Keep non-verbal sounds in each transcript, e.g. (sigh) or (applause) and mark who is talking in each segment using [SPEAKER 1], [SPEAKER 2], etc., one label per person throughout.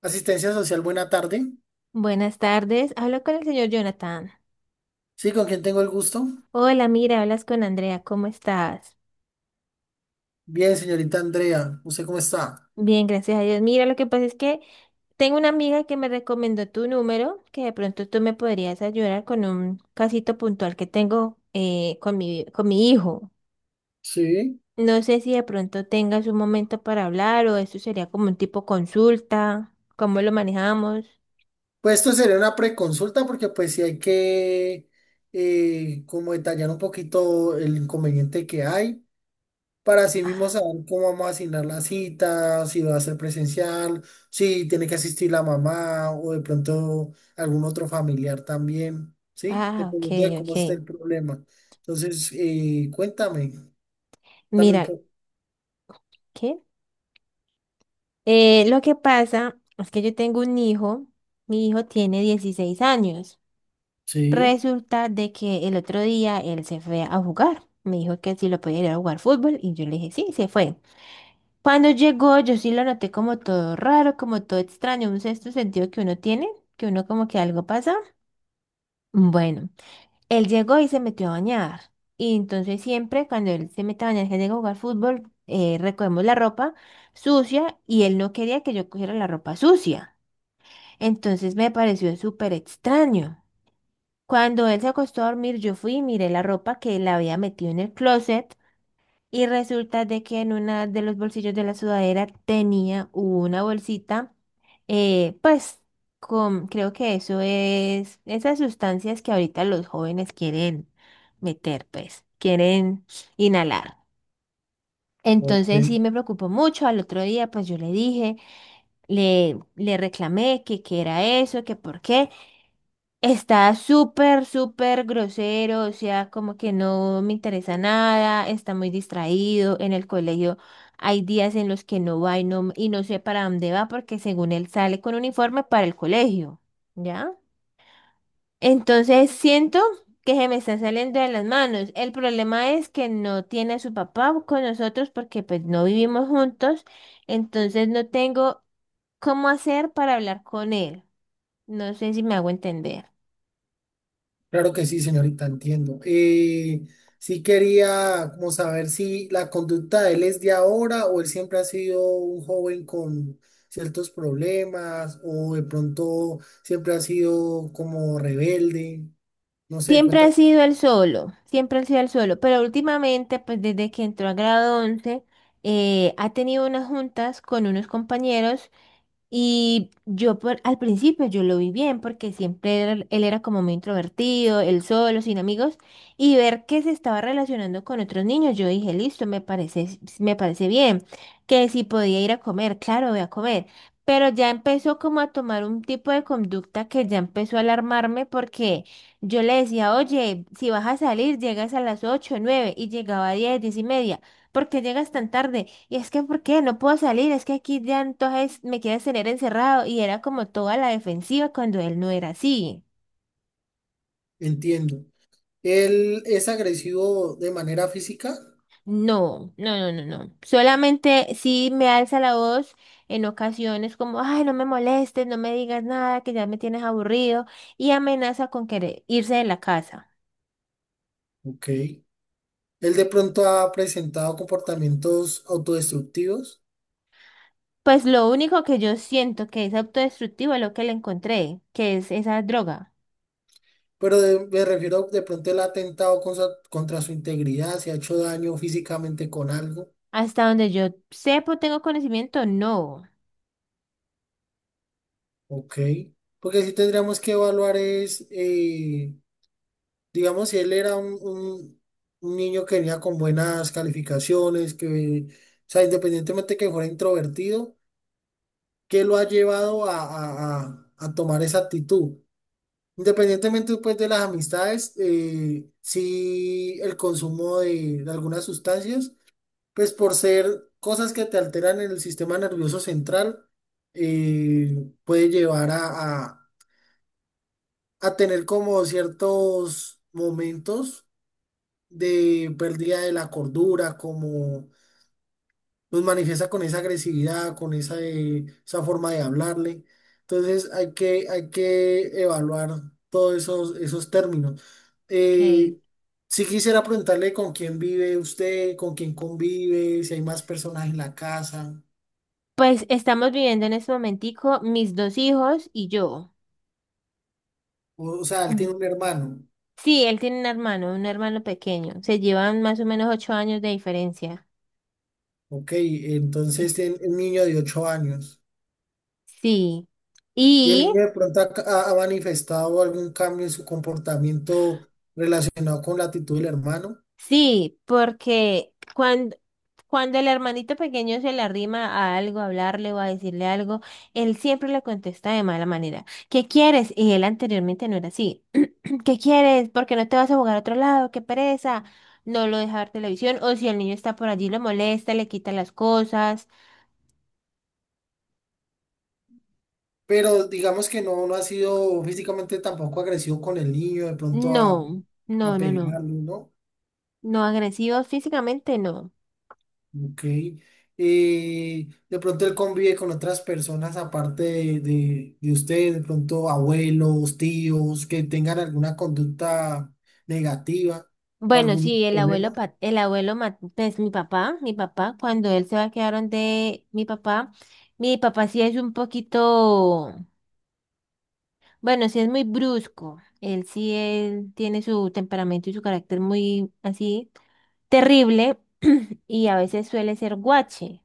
[SPEAKER 1] Asistencia Social, buena tarde.
[SPEAKER 2] Buenas tardes, hablo con el señor Jonathan.
[SPEAKER 1] Sí, ¿con quién tengo el gusto?
[SPEAKER 2] Hola, mira, hablas con Andrea, ¿cómo estás?
[SPEAKER 1] Bien, señorita Andrea, ¿usted cómo está?
[SPEAKER 2] Bien, gracias a Dios. Mira, lo que pasa es que tengo una amiga que me recomendó tu número, que de pronto tú me podrías ayudar con un casito puntual que tengo con mi hijo.
[SPEAKER 1] Sí.
[SPEAKER 2] No sé si de pronto tengas un momento para hablar o eso sería como un tipo consulta, ¿cómo lo manejamos?
[SPEAKER 1] Pues esto sería una preconsulta porque pues sí hay que como detallar un poquito el inconveniente que hay para así mismo
[SPEAKER 2] Ah,
[SPEAKER 1] saber cómo vamos a asignar la cita, si va a ser presencial, si tiene que asistir la mamá o de pronto algún otro familiar también, ¿sí?
[SPEAKER 2] ah, ok,
[SPEAKER 1] Dependiendo de cómo esté
[SPEAKER 2] ok.
[SPEAKER 1] el problema. Entonces, cuéntame también.
[SPEAKER 2] Mira, ¿qué? Lo que pasa es que yo tengo un hijo, mi hijo tiene 16 años.
[SPEAKER 1] Sí.
[SPEAKER 2] Resulta de que el otro día él se fue a jugar. Me dijo que si lo podía ir a jugar fútbol y yo le dije, sí, se fue. Cuando llegó, yo sí lo noté como todo raro, como todo extraño, un sexto sentido que uno tiene, que uno como que algo pasa. Bueno, él llegó y se metió a bañar. Y entonces siempre cuando él se mete a bañar, que llega a jugar fútbol, recogemos la ropa sucia y él no quería que yo cogiera la ropa sucia. Entonces me pareció súper extraño. Cuando él se acostó a dormir, yo fui y miré la ropa que él había metido en el closet y resulta de que en una de los bolsillos de la sudadera tenía una bolsita, eh, pues con, creo que eso es esas sustancias que ahorita los jóvenes quieren meter, pues quieren inhalar.
[SPEAKER 1] Ok.
[SPEAKER 2] Entonces sí me preocupó mucho. Al otro día, pues yo le dije, le reclamé que qué era eso, que por qué. Está súper, súper grosero, o sea, como que no me interesa nada, está muy distraído en el colegio. Hay días en los que no va y y no sé para dónde va porque según él sale con uniforme para el colegio, ¿ya? Entonces siento que se me está saliendo de las manos. El problema es que no tiene a su papá con nosotros porque pues no vivimos juntos, entonces no tengo cómo hacer para hablar con él. No sé si me hago entender.
[SPEAKER 1] Claro que sí, señorita, entiendo. Sí quería como saber si la conducta de él es de ahora o él siempre ha sido un joven con ciertos problemas o de pronto siempre ha sido como rebelde. No sé,
[SPEAKER 2] Siempre
[SPEAKER 1] cuenta,
[SPEAKER 2] ha sido el solo, siempre ha sido el solo, pero últimamente, pues desde que entró a grado 11, ha tenido unas juntas con unos compañeros y al principio yo lo vi bien porque él era como muy introvertido, él solo, sin amigos, y ver que se estaba relacionando con otros niños, yo dije, listo, me parece bien, que si podía ir a comer, claro, voy a comer, pero ya empezó como a tomar un tipo de conducta que ya empezó a alarmarme porque yo le decía, oye, si vas a salir, llegas a las 8 o 9 y llegaba a 10 10 y media. ¿Por qué llegas tan tarde? Y es que, ¿por qué no puedo salir? Es que aquí ya entonces me quieres tener encerrado y era como toda la defensiva cuando él no era así.
[SPEAKER 1] entiendo. ¿Él es agresivo de manera física?
[SPEAKER 2] No, no, no, no, no. Solamente sí me alza la voz en ocasiones como, ay, no me molestes, no me digas nada, que ya me tienes aburrido, y amenaza con querer irse de la casa.
[SPEAKER 1] Ok. ¿Él de pronto ha presentado comportamientos autodestructivos?
[SPEAKER 2] Pues lo único que yo siento que es autodestructivo es lo que le encontré, que es esa droga.
[SPEAKER 1] Pero me refiero de pronto el atentado contra su integridad, se ha hecho daño físicamente con algo.
[SPEAKER 2] Hasta donde yo sepa, tengo conocimiento, no.
[SPEAKER 1] Ok. Porque sí tendríamos que evaluar es, digamos, si él era un niño que venía con buenas calificaciones, que, o sea, independientemente que fuera introvertido, ¿qué lo ha llevado a tomar esa actitud? Independientemente, pues, de las amistades, si el consumo de algunas sustancias. Pues por ser cosas que te alteran en el sistema nervioso central, puede llevar a tener como ciertos momentos de pérdida de la cordura, como nos manifiesta con esa agresividad, con esa forma de hablarle. Entonces hay que evaluar todos esos términos.
[SPEAKER 2] Ok.
[SPEAKER 1] Eh, si quisiera preguntarle con quién vive usted, con quién convive, si hay más personas en la casa.
[SPEAKER 2] Pues estamos viviendo en este momentico mis dos hijos y yo.
[SPEAKER 1] O sea, él
[SPEAKER 2] Mm.
[SPEAKER 1] tiene un hermano.
[SPEAKER 2] Sí, él tiene un hermano pequeño. Se llevan más o menos 8 años de diferencia.
[SPEAKER 1] Ok,
[SPEAKER 2] Eh,
[SPEAKER 1] entonces tiene un niño de 8 años.
[SPEAKER 2] Sí.
[SPEAKER 1] Y el
[SPEAKER 2] Y
[SPEAKER 1] niño de pronto ha manifestado algún cambio en su comportamiento relacionado con la actitud del hermano,
[SPEAKER 2] sí, porque cuando el hermanito pequeño se le arrima a algo, a hablarle o a decirle algo, él siempre le contesta de mala manera. ¿Qué quieres? Y él anteriormente no era así. ¿Qué quieres? ¿Por qué no te vas a jugar a otro lado? ¡Qué pereza! No lo deja ver televisión o si el niño está por allí lo molesta, le quita las cosas.
[SPEAKER 1] pero digamos que no, no ha sido físicamente tampoco agresivo con el niño, de pronto a,
[SPEAKER 2] No,
[SPEAKER 1] a
[SPEAKER 2] no, no, no.
[SPEAKER 1] pegarlo, ¿no?
[SPEAKER 2] No agresivos físicamente, no.
[SPEAKER 1] Ok. De pronto él convive con otras personas aparte de usted, de pronto abuelos, tíos, que tengan alguna conducta negativa o
[SPEAKER 2] Bueno,
[SPEAKER 1] algún
[SPEAKER 2] sí, el abuelo,
[SPEAKER 1] problema.
[SPEAKER 2] pues mi papá, cuando él se va a quedar donde mi papá, sí es un poquito. Bueno, sí es muy brusco. Él sí, él tiene su temperamento y su carácter muy así terrible (clears throat) y a veces suele ser guache.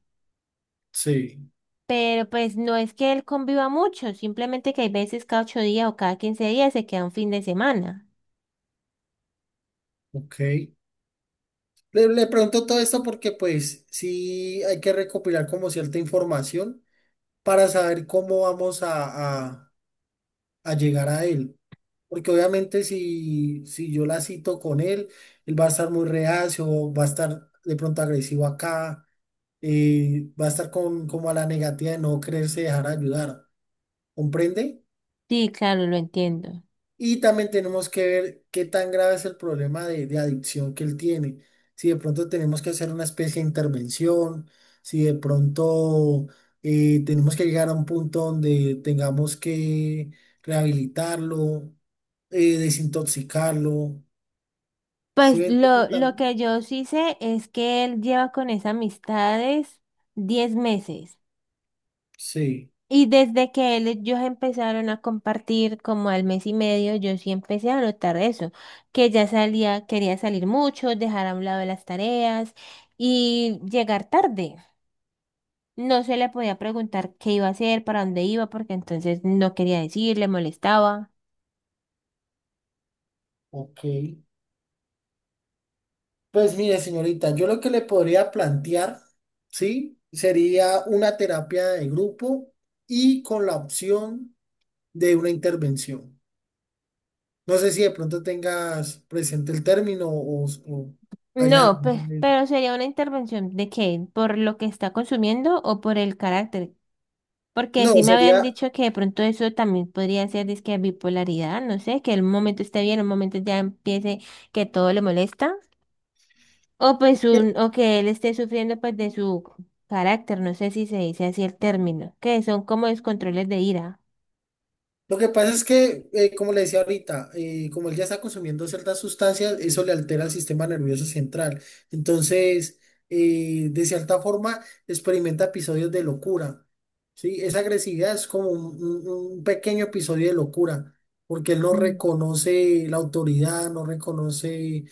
[SPEAKER 1] Sí,
[SPEAKER 2] Pero pues no es que él conviva mucho, simplemente que hay veces cada 8 días o cada 15 días se queda un fin de semana.
[SPEAKER 1] ok. Le pregunto todo esto porque pues sí hay que recopilar como cierta información para saber cómo vamos a llegar a él. Porque obviamente si yo la cito con él, él va a estar muy reacio, va a estar de pronto agresivo acá, va a estar con, como a la negativa de no quererse dejar ayudar, ¿comprende?
[SPEAKER 2] Sí, claro, lo entiendo.
[SPEAKER 1] Y también tenemos que ver qué tan grave es el problema de adicción que él tiene. Si de pronto tenemos que hacer una especie de intervención, si de pronto tenemos que llegar a un punto donde tengamos que rehabilitarlo, desintoxicarlo. Sí,
[SPEAKER 2] Pues
[SPEAKER 1] ven tú
[SPEAKER 2] lo
[SPEAKER 1] también.
[SPEAKER 2] que yo sí sé es que él lleva con esas amistades 10 meses.
[SPEAKER 1] Sí,
[SPEAKER 2] Y desde que él, ellos empezaron a compartir como al mes y medio, yo sí empecé a notar eso, que ya salía, quería salir mucho, dejar a un lado las tareas y llegar tarde. No se le podía preguntar qué iba a hacer, para dónde iba, porque entonces no quería decir, le molestaba.
[SPEAKER 1] ok. Pues mire, señorita, yo lo que le podría plantear, ¿sí? Sería una terapia de grupo y con la opción de una intervención. No sé si de pronto tengas presente el término o hayas...
[SPEAKER 2] No, pues, pero sería una intervención de qué, ¿por lo que está consumiendo o por el carácter? Porque
[SPEAKER 1] No,
[SPEAKER 2] sí me habían
[SPEAKER 1] sería...
[SPEAKER 2] dicho que de pronto eso también podría ser disque bipolaridad, no sé, que en un momento esté bien, en un momento ya empiece que todo le molesta. O pues o que él esté sufriendo pues de su carácter, no sé si se dice así el término, que son como descontroles de ira.
[SPEAKER 1] Lo que pasa es que, como le decía ahorita, como él ya está consumiendo ciertas sustancias, eso le altera el sistema nervioso central. Entonces, de cierta forma, experimenta episodios de locura. ¿Sí? Esa agresividad es como un pequeño episodio de locura, porque él no
[SPEAKER 2] Mm.
[SPEAKER 1] reconoce la autoridad, no reconoce.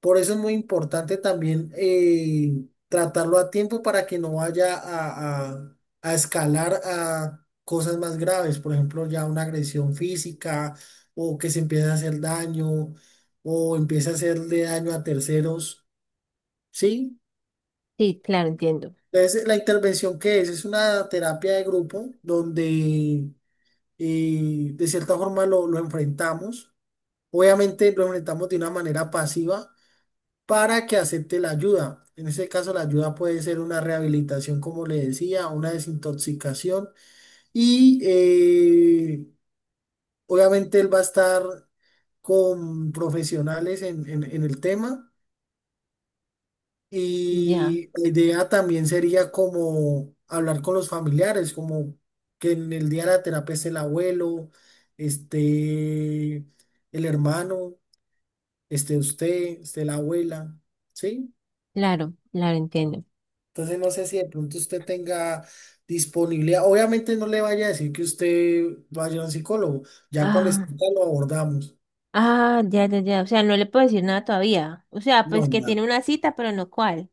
[SPEAKER 1] Por eso es muy importante también tratarlo a tiempo para que no vaya a escalar a cosas más graves, por ejemplo, ya una agresión física o que se empiece a hacer daño o empiece a hacerle daño a terceros, ¿sí?
[SPEAKER 2] Sí, claro, entiendo.
[SPEAKER 1] Entonces, la intervención que es una terapia de grupo donde de cierta forma lo enfrentamos. Obviamente lo enfrentamos de una manera pasiva para que acepte la ayuda. En este caso, la ayuda puede ser una rehabilitación, como le decía, una desintoxicación y obviamente él va a estar con profesionales en el tema
[SPEAKER 2] Ya,
[SPEAKER 1] y la idea también sería como hablar con los familiares, como que en el día de la terapia esté el abuelo, esté el hermano, esté usted, esté la abuela, ¿sí?
[SPEAKER 2] claro, claro, entiendo.
[SPEAKER 1] Entonces no sé si de pronto usted tenga disponibilidad. Obviamente no le vaya a decir que usted vaya a un psicólogo. Ya cuando esté,
[SPEAKER 2] Ah,
[SPEAKER 1] lo abordamos.
[SPEAKER 2] ah, ya, ya, ya. O sea, no le puedo decir nada todavía. O sea,
[SPEAKER 1] No,
[SPEAKER 2] pues que
[SPEAKER 1] nada.
[SPEAKER 2] tiene una cita, pero no cuál.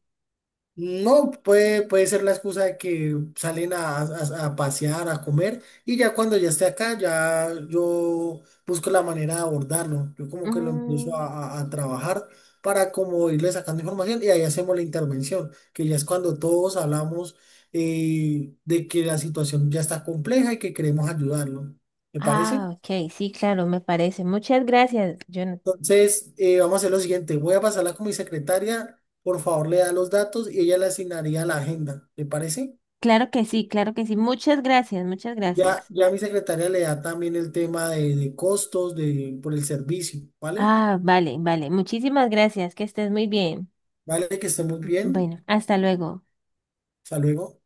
[SPEAKER 1] No, puede ser la excusa de que salen a pasear, a comer, y ya cuando ya esté acá, ya yo busco la manera de abordarlo. Yo como que lo empiezo
[SPEAKER 2] Mm.
[SPEAKER 1] a trabajar para como irle sacando información y ahí hacemos la intervención, que ya es cuando todos hablamos de que la situación ya está compleja y que queremos ayudarlo. ¿Me parece?
[SPEAKER 2] Ah, ok, sí, claro, me parece. Muchas gracias, Jonathan.
[SPEAKER 1] Entonces, vamos a hacer lo siguiente. Voy a pasarla con mi secretaria. Por favor, le da los datos y ella le asignaría la agenda. ¿Le parece?
[SPEAKER 2] Claro que sí, claro que sí. Muchas gracias, muchas
[SPEAKER 1] Ya,
[SPEAKER 2] gracias.
[SPEAKER 1] ya mi secretaria le da también el tema de costos de, por el servicio, ¿vale?
[SPEAKER 2] Ah, vale, vale. Muchísimas gracias, que estés muy bien.
[SPEAKER 1] Vale, que esté muy bien.
[SPEAKER 2] Bueno, hasta luego.
[SPEAKER 1] Hasta luego.